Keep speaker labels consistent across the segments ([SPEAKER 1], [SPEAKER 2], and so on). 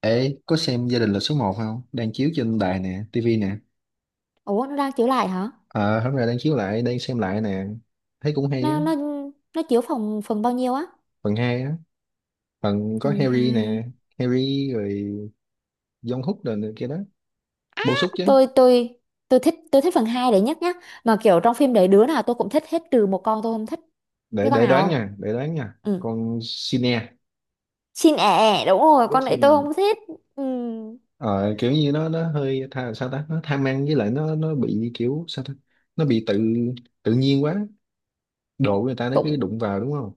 [SPEAKER 1] Ê, có xem Gia đình là số một không? Đang chiếu trên đài nè, tivi nè.
[SPEAKER 2] Ủa nó đang chiếu lại hả?
[SPEAKER 1] Ờ, hôm nay đang chiếu lại, đang xem lại nè. Thấy cũng hay á,
[SPEAKER 2] Nó nó nó chiếu phòng phần bao nhiêu á?
[SPEAKER 1] phần 2 á. Phần có
[SPEAKER 2] Phần
[SPEAKER 1] Harry
[SPEAKER 2] 2.
[SPEAKER 1] nè, Harry rồi John Hook rồi này kia đó. Bổ sung chứ.
[SPEAKER 2] Tôi tôi tôi thích phần 2 đấy nhất nhá. Mà kiểu trong phim đấy đứa nào tôi cũng thích hết trừ một con tôi không thích. Biết
[SPEAKER 1] Để
[SPEAKER 2] con
[SPEAKER 1] để
[SPEAKER 2] nào
[SPEAKER 1] đoán
[SPEAKER 2] không?
[SPEAKER 1] nha, để đoán nha.
[SPEAKER 2] Ừ.
[SPEAKER 1] Con Sine,
[SPEAKER 2] Xin ẻ ẻ, đúng rồi,
[SPEAKER 1] cái
[SPEAKER 2] con đấy tôi
[SPEAKER 1] Sin
[SPEAKER 2] không thích. Ừ.
[SPEAKER 1] ờ, kiểu như nó hơi tha, sao ta? Nó tham ăn với lại nó bị kiểu sao ta? Nó bị tự tự nhiên quá. Đồ của người ta nó cứ
[SPEAKER 2] Cũng
[SPEAKER 1] đụng vào đúng không?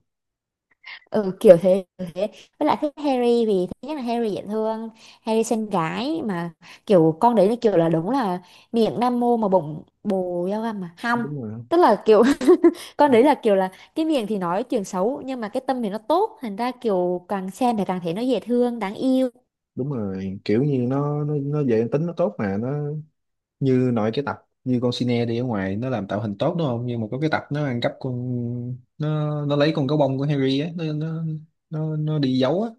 [SPEAKER 2] ừ, kiểu thế, kiểu thế. Với lại thích Harry vì thứ nhất là Harry dễ thương, Harry xinh gái mà kiểu con đấy là kiểu là đúng là miệng nam mô mà bụng bồ dao găm mà. Không.
[SPEAKER 1] Đúng rồi
[SPEAKER 2] Tức là kiểu con đấy là kiểu là cái miệng thì nói chuyện xấu nhưng mà cái tâm thì nó tốt thành ra kiểu càng xem thì càng thấy nó dễ thương đáng yêu.
[SPEAKER 1] đúng rồi, kiểu như nó về tính nó tốt mà nó như nói cái tập như con sine đi ở ngoài nó làm tạo hình tốt đúng không, nhưng mà có cái tập nó ăn cắp con, nó lấy con gấu bông của Harry á, nó đi giấu á,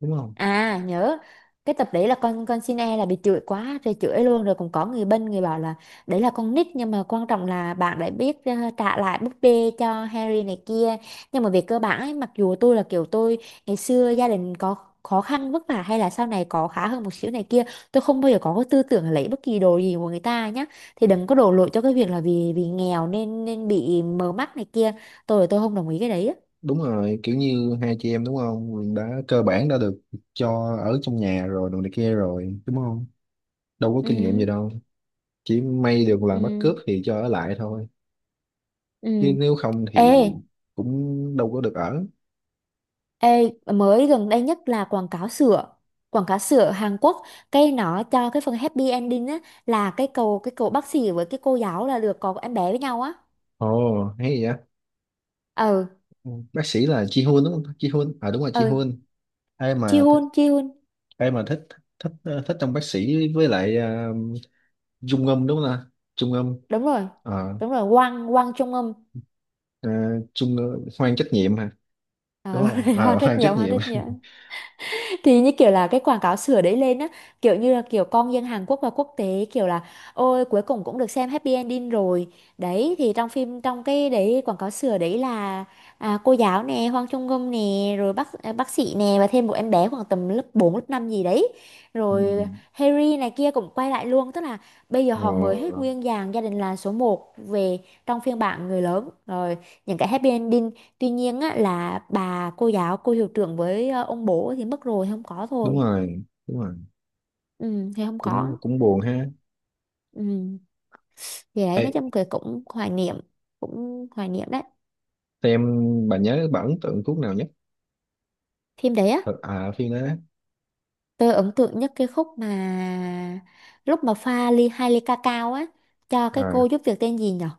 [SPEAKER 1] đúng không?
[SPEAKER 2] À nhớ cái tập đấy là con xin e là bị chửi quá rồi chửi luôn rồi cũng có người bên người bảo là đấy là con nít nhưng mà quan trọng là bạn đã biết, trả lại búp bê cho Harry này kia, nhưng mà về cơ bản ấy, mặc dù tôi là kiểu tôi ngày xưa gia đình có khó khăn vất vả hay là sau này có khá hơn một xíu này kia, tôi không bao giờ có cái tư tưởng là lấy bất kỳ đồ gì của người ta nhá, thì đừng có đổ lỗi cho cái việc là vì vì nghèo nên nên bị mờ mắt này kia. Tôi không đồng ý cái đấy á.
[SPEAKER 1] Đúng rồi, kiểu như hai chị em đúng không, đã cơ bản đã được cho ở trong nhà rồi đồ này kia rồi đúng không, đâu có kinh nghiệm gì
[SPEAKER 2] Ừ,
[SPEAKER 1] đâu, chỉ may được làm bắt cướp
[SPEAKER 2] ừ,
[SPEAKER 1] thì cho ở lại thôi,
[SPEAKER 2] ừ.
[SPEAKER 1] chứ nếu không thì
[SPEAKER 2] Ê.
[SPEAKER 1] cũng đâu có được ở.
[SPEAKER 2] Ê, mới gần đây nhất là quảng cáo sữa, quảng cáo sữa Hàn Quốc cái nó cho cái phần happy ending á là cái cậu bác sĩ với cái cô giáo là được có em bé với nhau á.
[SPEAKER 1] Ồ hay vậy.
[SPEAKER 2] Ừ,
[SPEAKER 1] Ừ, bác sĩ là Ji Hoon đúng không? Ji Hoon à, đúng rồi, Ji
[SPEAKER 2] ừ.
[SPEAKER 1] Hoon. ai
[SPEAKER 2] Ji
[SPEAKER 1] mà th-
[SPEAKER 2] Hoon. Ji Hoon
[SPEAKER 1] Ai mà thích, thích thích trong bác sĩ với lại Trung Ngâm đúng không ta, Trung Ngâm.
[SPEAKER 2] đúng rồi,
[SPEAKER 1] Ờ,
[SPEAKER 2] đúng rồi Wang Wang Trung Âm.
[SPEAKER 1] Trung Hoan trách nhiệm hả,
[SPEAKER 2] À,
[SPEAKER 1] đúng
[SPEAKER 2] đúng
[SPEAKER 1] không,
[SPEAKER 2] rồi Hoan rất
[SPEAKER 1] Hoan trách
[SPEAKER 2] nhiều, Hoan
[SPEAKER 1] nhiệm.
[SPEAKER 2] rất nhiều. Thì như kiểu là cái quảng cáo sửa đấy lên á, kiểu như là kiểu con dân Hàn Quốc và quốc tế kiểu là ôi cuối cùng cũng được xem happy ending rồi. Đấy thì trong phim, trong cái đấy quảng cáo sửa đấy là cô giáo nè, Hoàng Trung Ngâm nè, rồi bác sĩ nè, và thêm một em bé khoảng tầm lớp 4 lớp 5 gì đấy, rồi
[SPEAKER 1] Ừ.
[SPEAKER 2] Harry này kia cũng quay lại luôn, tức là bây giờ họ mời hết
[SPEAKER 1] Ờ,
[SPEAKER 2] nguyên dàn gia đình là số một về trong phiên bản người lớn rồi, những cái happy ending. Tuy nhiên á, là bà cô giáo, cô hiệu trưởng với ông bố thì mất rồi, thì không có thôi.
[SPEAKER 1] đúng rồi, đúng rồi,
[SPEAKER 2] Ừ, thì không
[SPEAKER 1] cũng
[SPEAKER 2] có.
[SPEAKER 1] cũng buồn ha.
[SPEAKER 2] Ừ. Thì đấy,
[SPEAKER 1] Ê,
[SPEAKER 2] nói chung cái cũng hoài niệm đấy.
[SPEAKER 1] em bà nhớ bà ấn tượng thuốc nào nhất.
[SPEAKER 2] Phim đấy á,
[SPEAKER 1] Ờ, phim đó.
[SPEAKER 2] tôi ấn tượng nhất cái khúc mà lúc mà pha ly hai ly ca cao á, cho cái cô
[SPEAKER 1] à,
[SPEAKER 2] giúp việc tên gì nhở.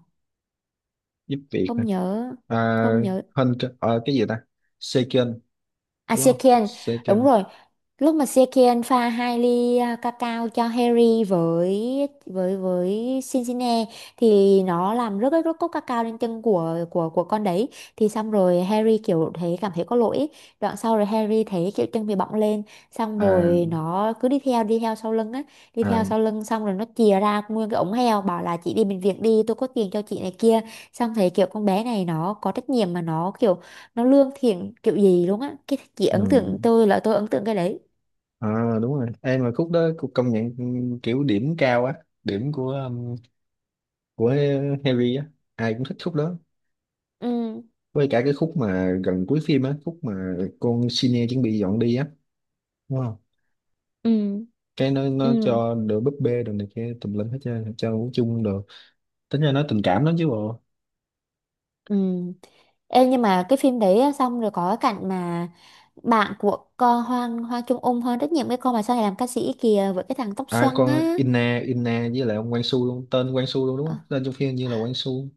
[SPEAKER 1] Giúp việc
[SPEAKER 2] Không
[SPEAKER 1] hả?
[SPEAKER 2] nhớ,
[SPEAKER 1] à,
[SPEAKER 2] không nhớ.
[SPEAKER 1] Hơn, cái gì ta, Seiken
[SPEAKER 2] À
[SPEAKER 1] đúng không,
[SPEAKER 2] Sekian, đúng
[SPEAKER 1] second.
[SPEAKER 2] rồi. Lúc mà Sekian pha hai ly cacao cho Harry với Cincinnati thì nó làm rớt rớt cốc cacao lên chân của con đấy. Thì xong rồi Harry kiểu thấy, cảm thấy có lỗi ấy. Đoạn sau rồi Harry thấy kiểu chân bị bọng lên, xong rồi
[SPEAKER 1] à
[SPEAKER 2] nó cứ đi theo sau lưng á, đi theo
[SPEAKER 1] à
[SPEAKER 2] sau lưng xong rồi nó chìa ra nguyên cái ống heo bảo là chị đi bệnh viện đi, tôi có tiền cho chị này kia. Xong thấy kiểu con bé này nó có trách nhiệm mà nó kiểu nó lương thiện kiểu gì luôn á, cái chị
[SPEAKER 1] ừ.
[SPEAKER 2] ấn tượng, tôi là tôi ấn tượng cái đấy.
[SPEAKER 1] Đúng rồi, em mà khúc đó cũng công nhận. Ừ, kiểu điểm cao á, điểm của Harry á, ai cũng thích khúc đó.
[SPEAKER 2] Ừ,
[SPEAKER 1] Với cả cái khúc mà gần cuối phim á, khúc mà con Senior chuẩn bị dọn đi á, đúng không,
[SPEAKER 2] ừ,
[SPEAKER 1] cái nó
[SPEAKER 2] ừ,
[SPEAKER 1] cho đồ búp bê đồ này kia tùm lum hết trơn cho ngủ chung đồ, tính ra nó tình cảm lắm chứ bộ.
[SPEAKER 2] ừ. Em, nhưng mà cái phim đấy á, xong rồi có cái cảnh mà bạn của con Hoang Hoa Trung Ung Hoang rất nhiều, cái con mà sau này làm ca sĩ kìa với cái thằng tóc
[SPEAKER 1] À,
[SPEAKER 2] xoăn
[SPEAKER 1] con
[SPEAKER 2] á.
[SPEAKER 1] Inna Inna với lại ông Quang Su luôn, tên Quang Su luôn đúng
[SPEAKER 2] Ờ.
[SPEAKER 1] không, tên trong phim như là Quang Su.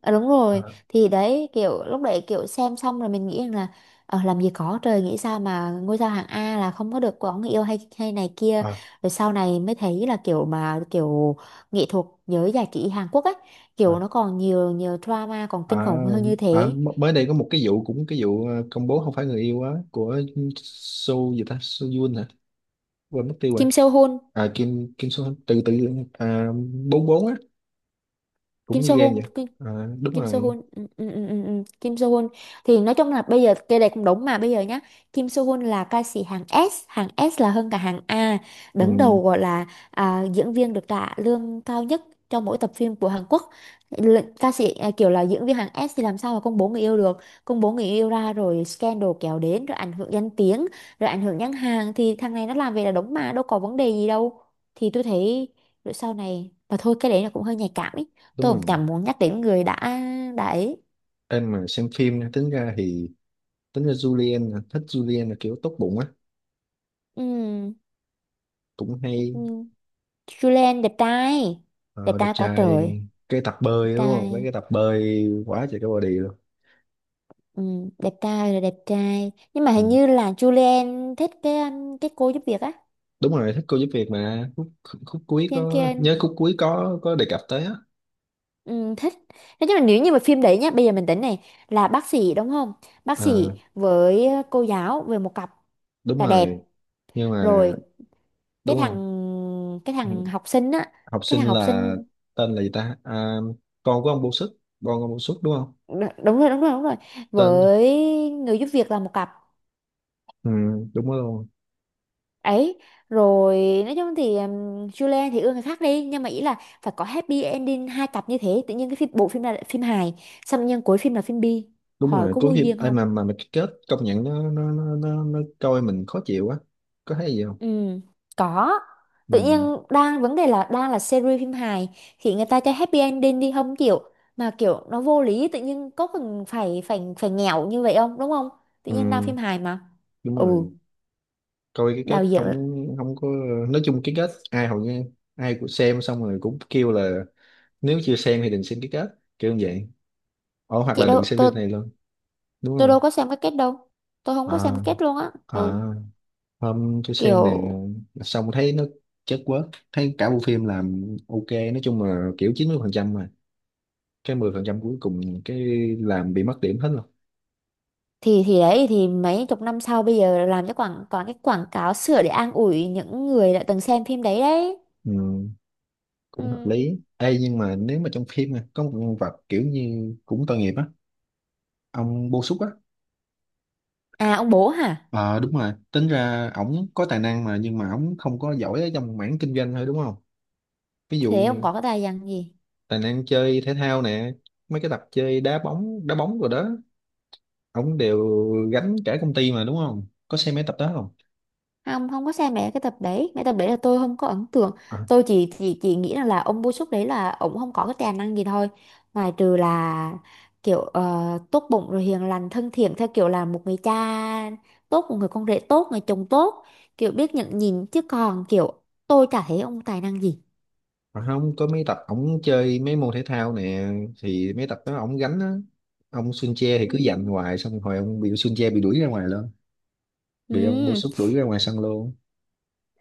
[SPEAKER 2] À, đúng rồi.
[SPEAKER 1] à,
[SPEAKER 2] Thì đấy kiểu lúc đấy kiểu xem xong rồi mình nghĩ rằng là làm gì có trời, nghĩ sao mà ngôi sao hạng A là không có được có người yêu hay hay này kia,
[SPEAKER 1] à,
[SPEAKER 2] rồi sau này mới thấy là kiểu mà kiểu nghệ thuật giới giải trí Hàn Quốc ấy kiểu
[SPEAKER 1] à.
[SPEAKER 2] nó còn nhiều nhiều drama còn
[SPEAKER 1] À,
[SPEAKER 2] kinh khủng hơn như
[SPEAKER 1] à,
[SPEAKER 2] thế.
[SPEAKER 1] Mới đây có một cái vụ, cũng cái vụ công bố không phải người yêu á của Su gì ta, Su Yun hả, quên mất tiêu rồi.
[SPEAKER 2] Kim Seo Hoon.
[SPEAKER 1] À Kim Kim Su từ từ à, bốn bốn á, cũng
[SPEAKER 2] Kim
[SPEAKER 1] như
[SPEAKER 2] Seo
[SPEAKER 1] gan
[SPEAKER 2] Hoon.
[SPEAKER 1] vậy. à, Đúng
[SPEAKER 2] Kim Soo
[SPEAKER 1] rồi.
[SPEAKER 2] Hyun, ừ, ừ, ừ, ừ, ừ. Kim Soo Hyun thì nói chung là bây giờ cái này cũng đúng mà bây giờ nhá. Kim Soo Hyun là ca sĩ hàng S, hàng S là hơn cả hàng A, đứng
[SPEAKER 1] Ừ,
[SPEAKER 2] đầu gọi là, à, diễn viên được trả lương cao nhất trong mỗi tập phim của Hàn Quốc. Ca sĩ à, kiểu là diễn viên hàng S thì làm sao mà công bố người yêu được, công bố người yêu ra rồi scandal kéo đến rồi ảnh hưởng danh tiếng rồi ảnh hưởng nhãn hàng, thì thằng này nó làm về là đúng mà đâu có vấn đề gì đâu, thì tôi thấy. Rồi sau này mà thôi, cái đấy là cũng hơi nhạy cảm ý,
[SPEAKER 1] đúng
[SPEAKER 2] tôi cũng
[SPEAKER 1] rồi,
[SPEAKER 2] chẳng muốn nhắc đến người đã ấy.
[SPEAKER 1] em mà xem phim nha, tính ra thì tính ra Julian là- thích Julian là kiểu tốt bụng á,
[SPEAKER 2] Ừ.
[SPEAKER 1] cũng
[SPEAKER 2] Ừ.
[SPEAKER 1] hay.
[SPEAKER 2] Julian đẹp trai, đẹp
[SPEAKER 1] Ờ, đẹp
[SPEAKER 2] trai quá
[SPEAKER 1] trai,
[SPEAKER 2] trời,
[SPEAKER 1] cái tập
[SPEAKER 2] đẹp
[SPEAKER 1] bơi đúng không, mấy
[SPEAKER 2] trai.
[SPEAKER 1] cái tập bơi quá trời cái body luôn.
[SPEAKER 2] Ừ. Đẹp trai là đẹp trai nhưng mà hình
[SPEAKER 1] Ừ.
[SPEAKER 2] như là Julian thích cái cô giúp việc á,
[SPEAKER 1] Đúng rồi, thích cô giúp việc mà khúc, khúc cuối
[SPEAKER 2] Yang
[SPEAKER 1] có
[SPEAKER 2] Kian.
[SPEAKER 1] nhớ khúc cuối có đề cập tới á.
[SPEAKER 2] Ừ, thích. Thế nhưng mà nếu như mà phim đấy nhá bây giờ mình tính này là bác sĩ đúng không, bác
[SPEAKER 1] Ờ,
[SPEAKER 2] sĩ với cô giáo về một cặp
[SPEAKER 1] đúng
[SPEAKER 2] là đẹp
[SPEAKER 1] rồi, nhưng mà
[SPEAKER 2] rồi. cái
[SPEAKER 1] đúng
[SPEAKER 2] thằng
[SPEAKER 1] không.
[SPEAKER 2] cái
[SPEAKER 1] Ừ.
[SPEAKER 2] thằng học sinh á,
[SPEAKER 1] Học
[SPEAKER 2] cái
[SPEAKER 1] sinh
[SPEAKER 2] thằng học
[SPEAKER 1] là,
[SPEAKER 2] sinh.
[SPEAKER 1] tên là gì ta, con của ông Bô Sức, con ông Bô Sức đúng không,
[SPEAKER 2] Đúng rồi, đúng rồi, đúng rồi,
[SPEAKER 1] tên.
[SPEAKER 2] với người giúp việc là một cặp
[SPEAKER 1] Ừ, đúng rồi,
[SPEAKER 2] ấy rồi. Nói chung thì, Julian thì ưa người khác đi nhưng mà ý là phải có happy ending hai cặp như thế, tự nhiên cái phim, bộ phim này là phim hài xong nhân cuối phim là phim bi,
[SPEAKER 1] đúng
[SPEAKER 2] hỏi
[SPEAKER 1] rồi.
[SPEAKER 2] có
[SPEAKER 1] Cuối
[SPEAKER 2] vô
[SPEAKER 1] phim
[SPEAKER 2] duyên
[SPEAKER 1] ai
[SPEAKER 2] không.
[SPEAKER 1] mà cái kết, công nhận nó coi mình khó chịu quá. Có thấy gì không.
[SPEAKER 2] Ừ, có. Tự
[SPEAKER 1] Ừ,
[SPEAKER 2] nhiên đang vấn đề là đang là series phim hài thì người ta cho happy ending đi không chịu mà kiểu nó vô lý, tự nhiên có cần phải phải phải nghèo như vậy không đúng không, tự nhiên đang
[SPEAKER 1] ừ,
[SPEAKER 2] phim hài mà.
[SPEAKER 1] đúng
[SPEAKER 2] Ừ.
[SPEAKER 1] rồi, coi cái
[SPEAKER 2] Đạo
[SPEAKER 1] kết
[SPEAKER 2] diễn.
[SPEAKER 1] không, không có. Nói chung cái kết ai hầu như ai cũng xem xong rồi cũng kêu là, nếu chưa xem thì đừng xem cái kết, kiểu như vậy. Ồ, hoặc
[SPEAKER 2] Chị
[SPEAKER 1] là
[SPEAKER 2] đâu,
[SPEAKER 1] đừng xem
[SPEAKER 2] tôi
[SPEAKER 1] phim này luôn, đúng
[SPEAKER 2] tôi đâu
[SPEAKER 1] không.
[SPEAKER 2] có xem cái kết đâu, tôi không có xem
[SPEAKER 1] à
[SPEAKER 2] cái kết luôn á. Ừ.
[SPEAKER 1] à Hôm tôi xem nè,
[SPEAKER 2] Kiểu
[SPEAKER 1] xong thấy nó chất quá, thấy cả bộ phim làm ok, nói chung là kiểu 90% phần trăm, mà cái 10% phần trăm cuối cùng cái làm bị mất điểm hết rồi.
[SPEAKER 2] thì đấy thì mấy chục năm sau bây giờ làm cho quảng toàn cái quảng cáo sửa để an ủi những người đã từng xem phim đấy đấy.
[SPEAKER 1] Ừ, cũng hợp
[SPEAKER 2] Ừ.
[SPEAKER 1] lý. Ê, nhưng mà nếu mà trong phim mà có một nhân vật kiểu như cũng tội nghiệp á, ông Bô Xúc á.
[SPEAKER 2] À ông bố hả?
[SPEAKER 1] Ờ đúng rồi, tính ra ổng có tài năng mà, nhưng mà ổng không có giỏi ở trong mảng kinh doanh thôi đúng không. Ví
[SPEAKER 2] Thế
[SPEAKER 1] dụ
[SPEAKER 2] ông có cái tài năng gì?
[SPEAKER 1] tài năng chơi thể thao nè, mấy cái tập chơi đá bóng rồi đó, ổng đều gánh cả công ty mà, đúng không, có xem mấy tập đó không.
[SPEAKER 2] Không, không có xem mẹ cái tập đấy, mẹ tập đấy là tôi không có ấn tượng.
[SPEAKER 1] à,
[SPEAKER 2] Tôi chỉ nghĩ rằng là ông Bô Súc đấy là ông không có cái tài năng gì thôi, ngoài trừ là kiểu tốt bụng rồi hiền lành thân thiện theo kiểu là một người cha tốt, một người con rể tốt, người chồng tốt, kiểu biết nhận nhìn chứ còn kiểu tôi chả thấy ông tài năng gì.
[SPEAKER 1] Không có mấy tập ổng chơi mấy môn thể thao nè, thì mấy tập đó ổng gánh á, ông Sun Che thì
[SPEAKER 2] Ừ.
[SPEAKER 1] cứ giành hoài xong rồi ông bị Sun Che bị đuổi ra ngoài luôn, bị ông bô
[SPEAKER 2] Ừ.
[SPEAKER 1] súc đuổi ra ngoài sân luôn.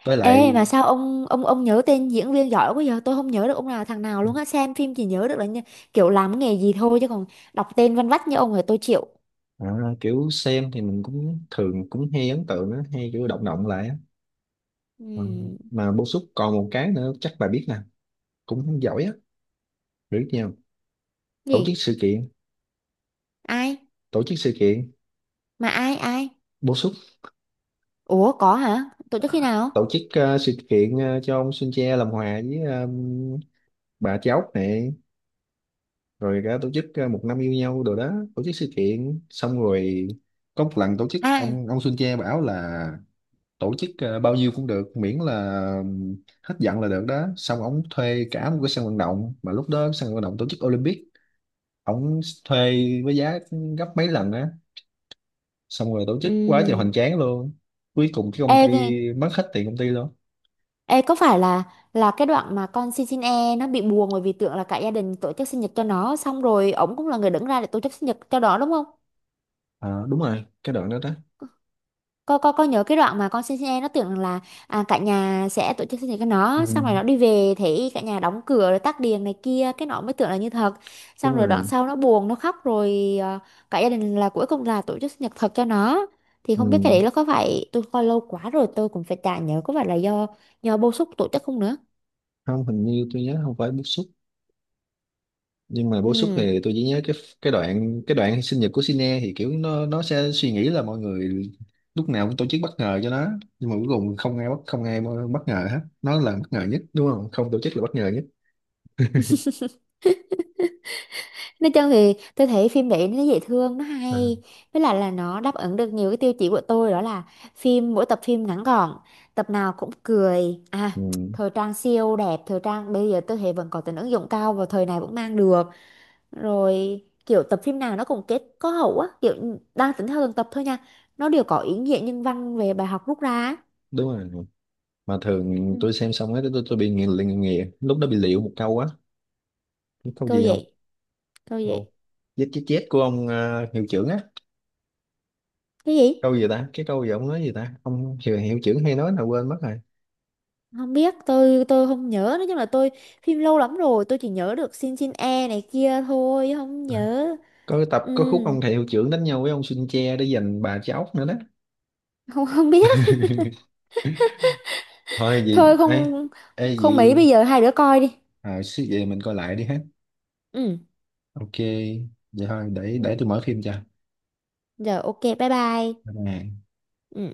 [SPEAKER 1] Với
[SPEAKER 2] Ê
[SPEAKER 1] lại,
[SPEAKER 2] mà sao ông nhớ tên diễn viên giỏi quá, giờ tôi không nhớ được ông nào thằng nào luôn á, xem phim chỉ nhớ được là như, kiểu làm cái nghề gì thôi, chứ còn đọc tên văn vách như ông rồi tôi chịu.
[SPEAKER 1] à, kiểu xem thì mình cũng thường cũng hay ấn tượng á, hay kiểu động động lại á. Ờ,
[SPEAKER 2] Ừm.
[SPEAKER 1] mà bô súc còn một cái nữa chắc bà biết nè, cũng giỏi á, biết nhau, tổ chức
[SPEAKER 2] Gì?
[SPEAKER 1] sự kiện,
[SPEAKER 2] Ai?
[SPEAKER 1] tổ chức sự kiện,
[SPEAKER 2] Mà ai ai?
[SPEAKER 1] bổ xúc.
[SPEAKER 2] Ủa có hả? Tổ chức
[SPEAKER 1] À,
[SPEAKER 2] khi nào?
[SPEAKER 1] tổ chức sự kiện cho ông Sun Che làm hòa với bà cháu này, rồi cả tổ chức một năm yêu nhau đồ đó, tổ chức sự kiện xong rồi có một lần tổ chức
[SPEAKER 2] À.
[SPEAKER 1] ông Sun Che bảo là tổ chức bao nhiêu cũng được miễn là hết giận là được đó, xong ông thuê cả một cái sân vận động mà lúc đó sân vận động tổ chức Olympic, ông thuê với giá gấp mấy lần á, xong rồi tổ chức quá trời
[SPEAKER 2] Ừm.
[SPEAKER 1] hoành tráng luôn, cuối cùng cái công
[SPEAKER 2] Ê, ghê.
[SPEAKER 1] ty mất hết tiền công ty luôn.
[SPEAKER 2] Ê có phải là cái đoạn mà con xin, xin e nó bị buồn bởi vì tưởng là cả gia đình tổ chức sinh nhật cho nó xong rồi ổng cũng là người đứng ra để tổ chức sinh nhật cho nó đúng không?
[SPEAKER 1] À, đúng rồi cái đoạn đó đó.
[SPEAKER 2] Con nhớ cái đoạn mà con xin, xin em nó tưởng là cả nhà sẽ tổ chức sinh nhật cho
[SPEAKER 1] Ừ,
[SPEAKER 2] nó, xong rồi nó đi về thấy cả nhà đóng cửa rồi tắt đèn này kia cái nó mới tưởng là như thật.
[SPEAKER 1] đúng
[SPEAKER 2] Xong rồi đoạn
[SPEAKER 1] rồi.
[SPEAKER 2] sau nó buồn, nó khóc rồi, cả gia đình là cuối cùng là tổ chức sinh nhật thật cho nó. Thì không biết cái
[SPEAKER 1] Ừ.
[SPEAKER 2] đấy nó có phải, tôi coi lâu quá rồi tôi cũng phải chả nhớ có phải là do bô xúc tổ chức không nữa.
[SPEAKER 1] Không, hình như tôi nhớ không phải bức xúc, nhưng mà bức xúc
[SPEAKER 2] Ừ.
[SPEAKER 1] thì tôi chỉ nhớ cái, cái đoạn sinh nhật của Sine thì kiểu nó sẽ suy nghĩ là mọi người lúc nào cũng tổ chức bất ngờ cho nó, nhưng mà cuối cùng không ai bất, không ai bất ngờ hết, nó là bất ngờ nhất đúng không, không tổ chức là bất ngờ nhất.
[SPEAKER 2] Nói chung thì tôi thấy phim đấy nó dễ thương, nó
[SPEAKER 1] À.
[SPEAKER 2] hay, với lại là nó đáp ứng được nhiều cái tiêu chí của tôi, đó là phim mỗi tập phim ngắn gọn, tập nào cũng cười à,
[SPEAKER 1] Ừ,
[SPEAKER 2] thời trang siêu đẹp, thời trang bây giờ tôi thấy vẫn có tính ứng dụng cao và thời này vẫn mang được, rồi kiểu tập phim nào nó cũng kết có hậu á kiểu đang tính theo từng tập thôi nha, nó đều có ý nghĩa nhân văn về bài học rút ra á.
[SPEAKER 1] đúng rồi, mà thường tôi
[SPEAKER 2] Ừ.
[SPEAKER 1] xem xong ấy, tôi bị nghiền liền, nghiền lúc đó bị liệu một câu á. Biết câu
[SPEAKER 2] Câu
[SPEAKER 1] gì không.
[SPEAKER 2] vậy? Câu
[SPEAKER 1] Câu
[SPEAKER 2] vậy?
[SPEAKER 1] chết chết chết của ông hiệu trưởng á.
[SPEAKER 2] Cái gì?
[SPEAKER 1] Câu gì ta, cái câu gì ông nói gì ta, ông hiệu trưởng hay nói là quên mất rồi.
[SPEAKER 2] Không biết, tôi không nhớ, nói chung là tôi phim lâu lắm rồi, tôi chỉ nhớ được Shin, Shin E này kia thôi không
[SPEAKER 1] À.
[SPEAKER 2] nhớ.
[SPEAKER 1] Có cái tập
[SPEAKER 2] Ừ.
[SPEAKER 1] có khúc ông thầy hiệu trưởng đánh nhau với ông Sun Che để giành bà cháu nữa đó.
[SPEAKER 2] Không, không biết.
[SPEAKER 1] Thôi gì
[SPEAKER 2] Thôi
[SPEAKER 1] ê.
[SPEAKER 2] không,
[SPEAKER 1] Ê
[SPEAKER 2] không mấy bây
[SPEAKER 1] gì.
[SPEAKER 2] giờ hai đứa coi đi.
[SPEAKER 1] Suy về mình coi lại đi hết.
[SPEAKER 2] Ừ.
[SPEAKER 1] Ok, vậy thôi, để
[SPEAKER 2] Ừ.
[SPEAKER 1] tôi mở phim cho.
[SPEAKER 2] Giờ ok bye bye.
[SPEAKER 1] À.
[SPEAKER 2] Ừ.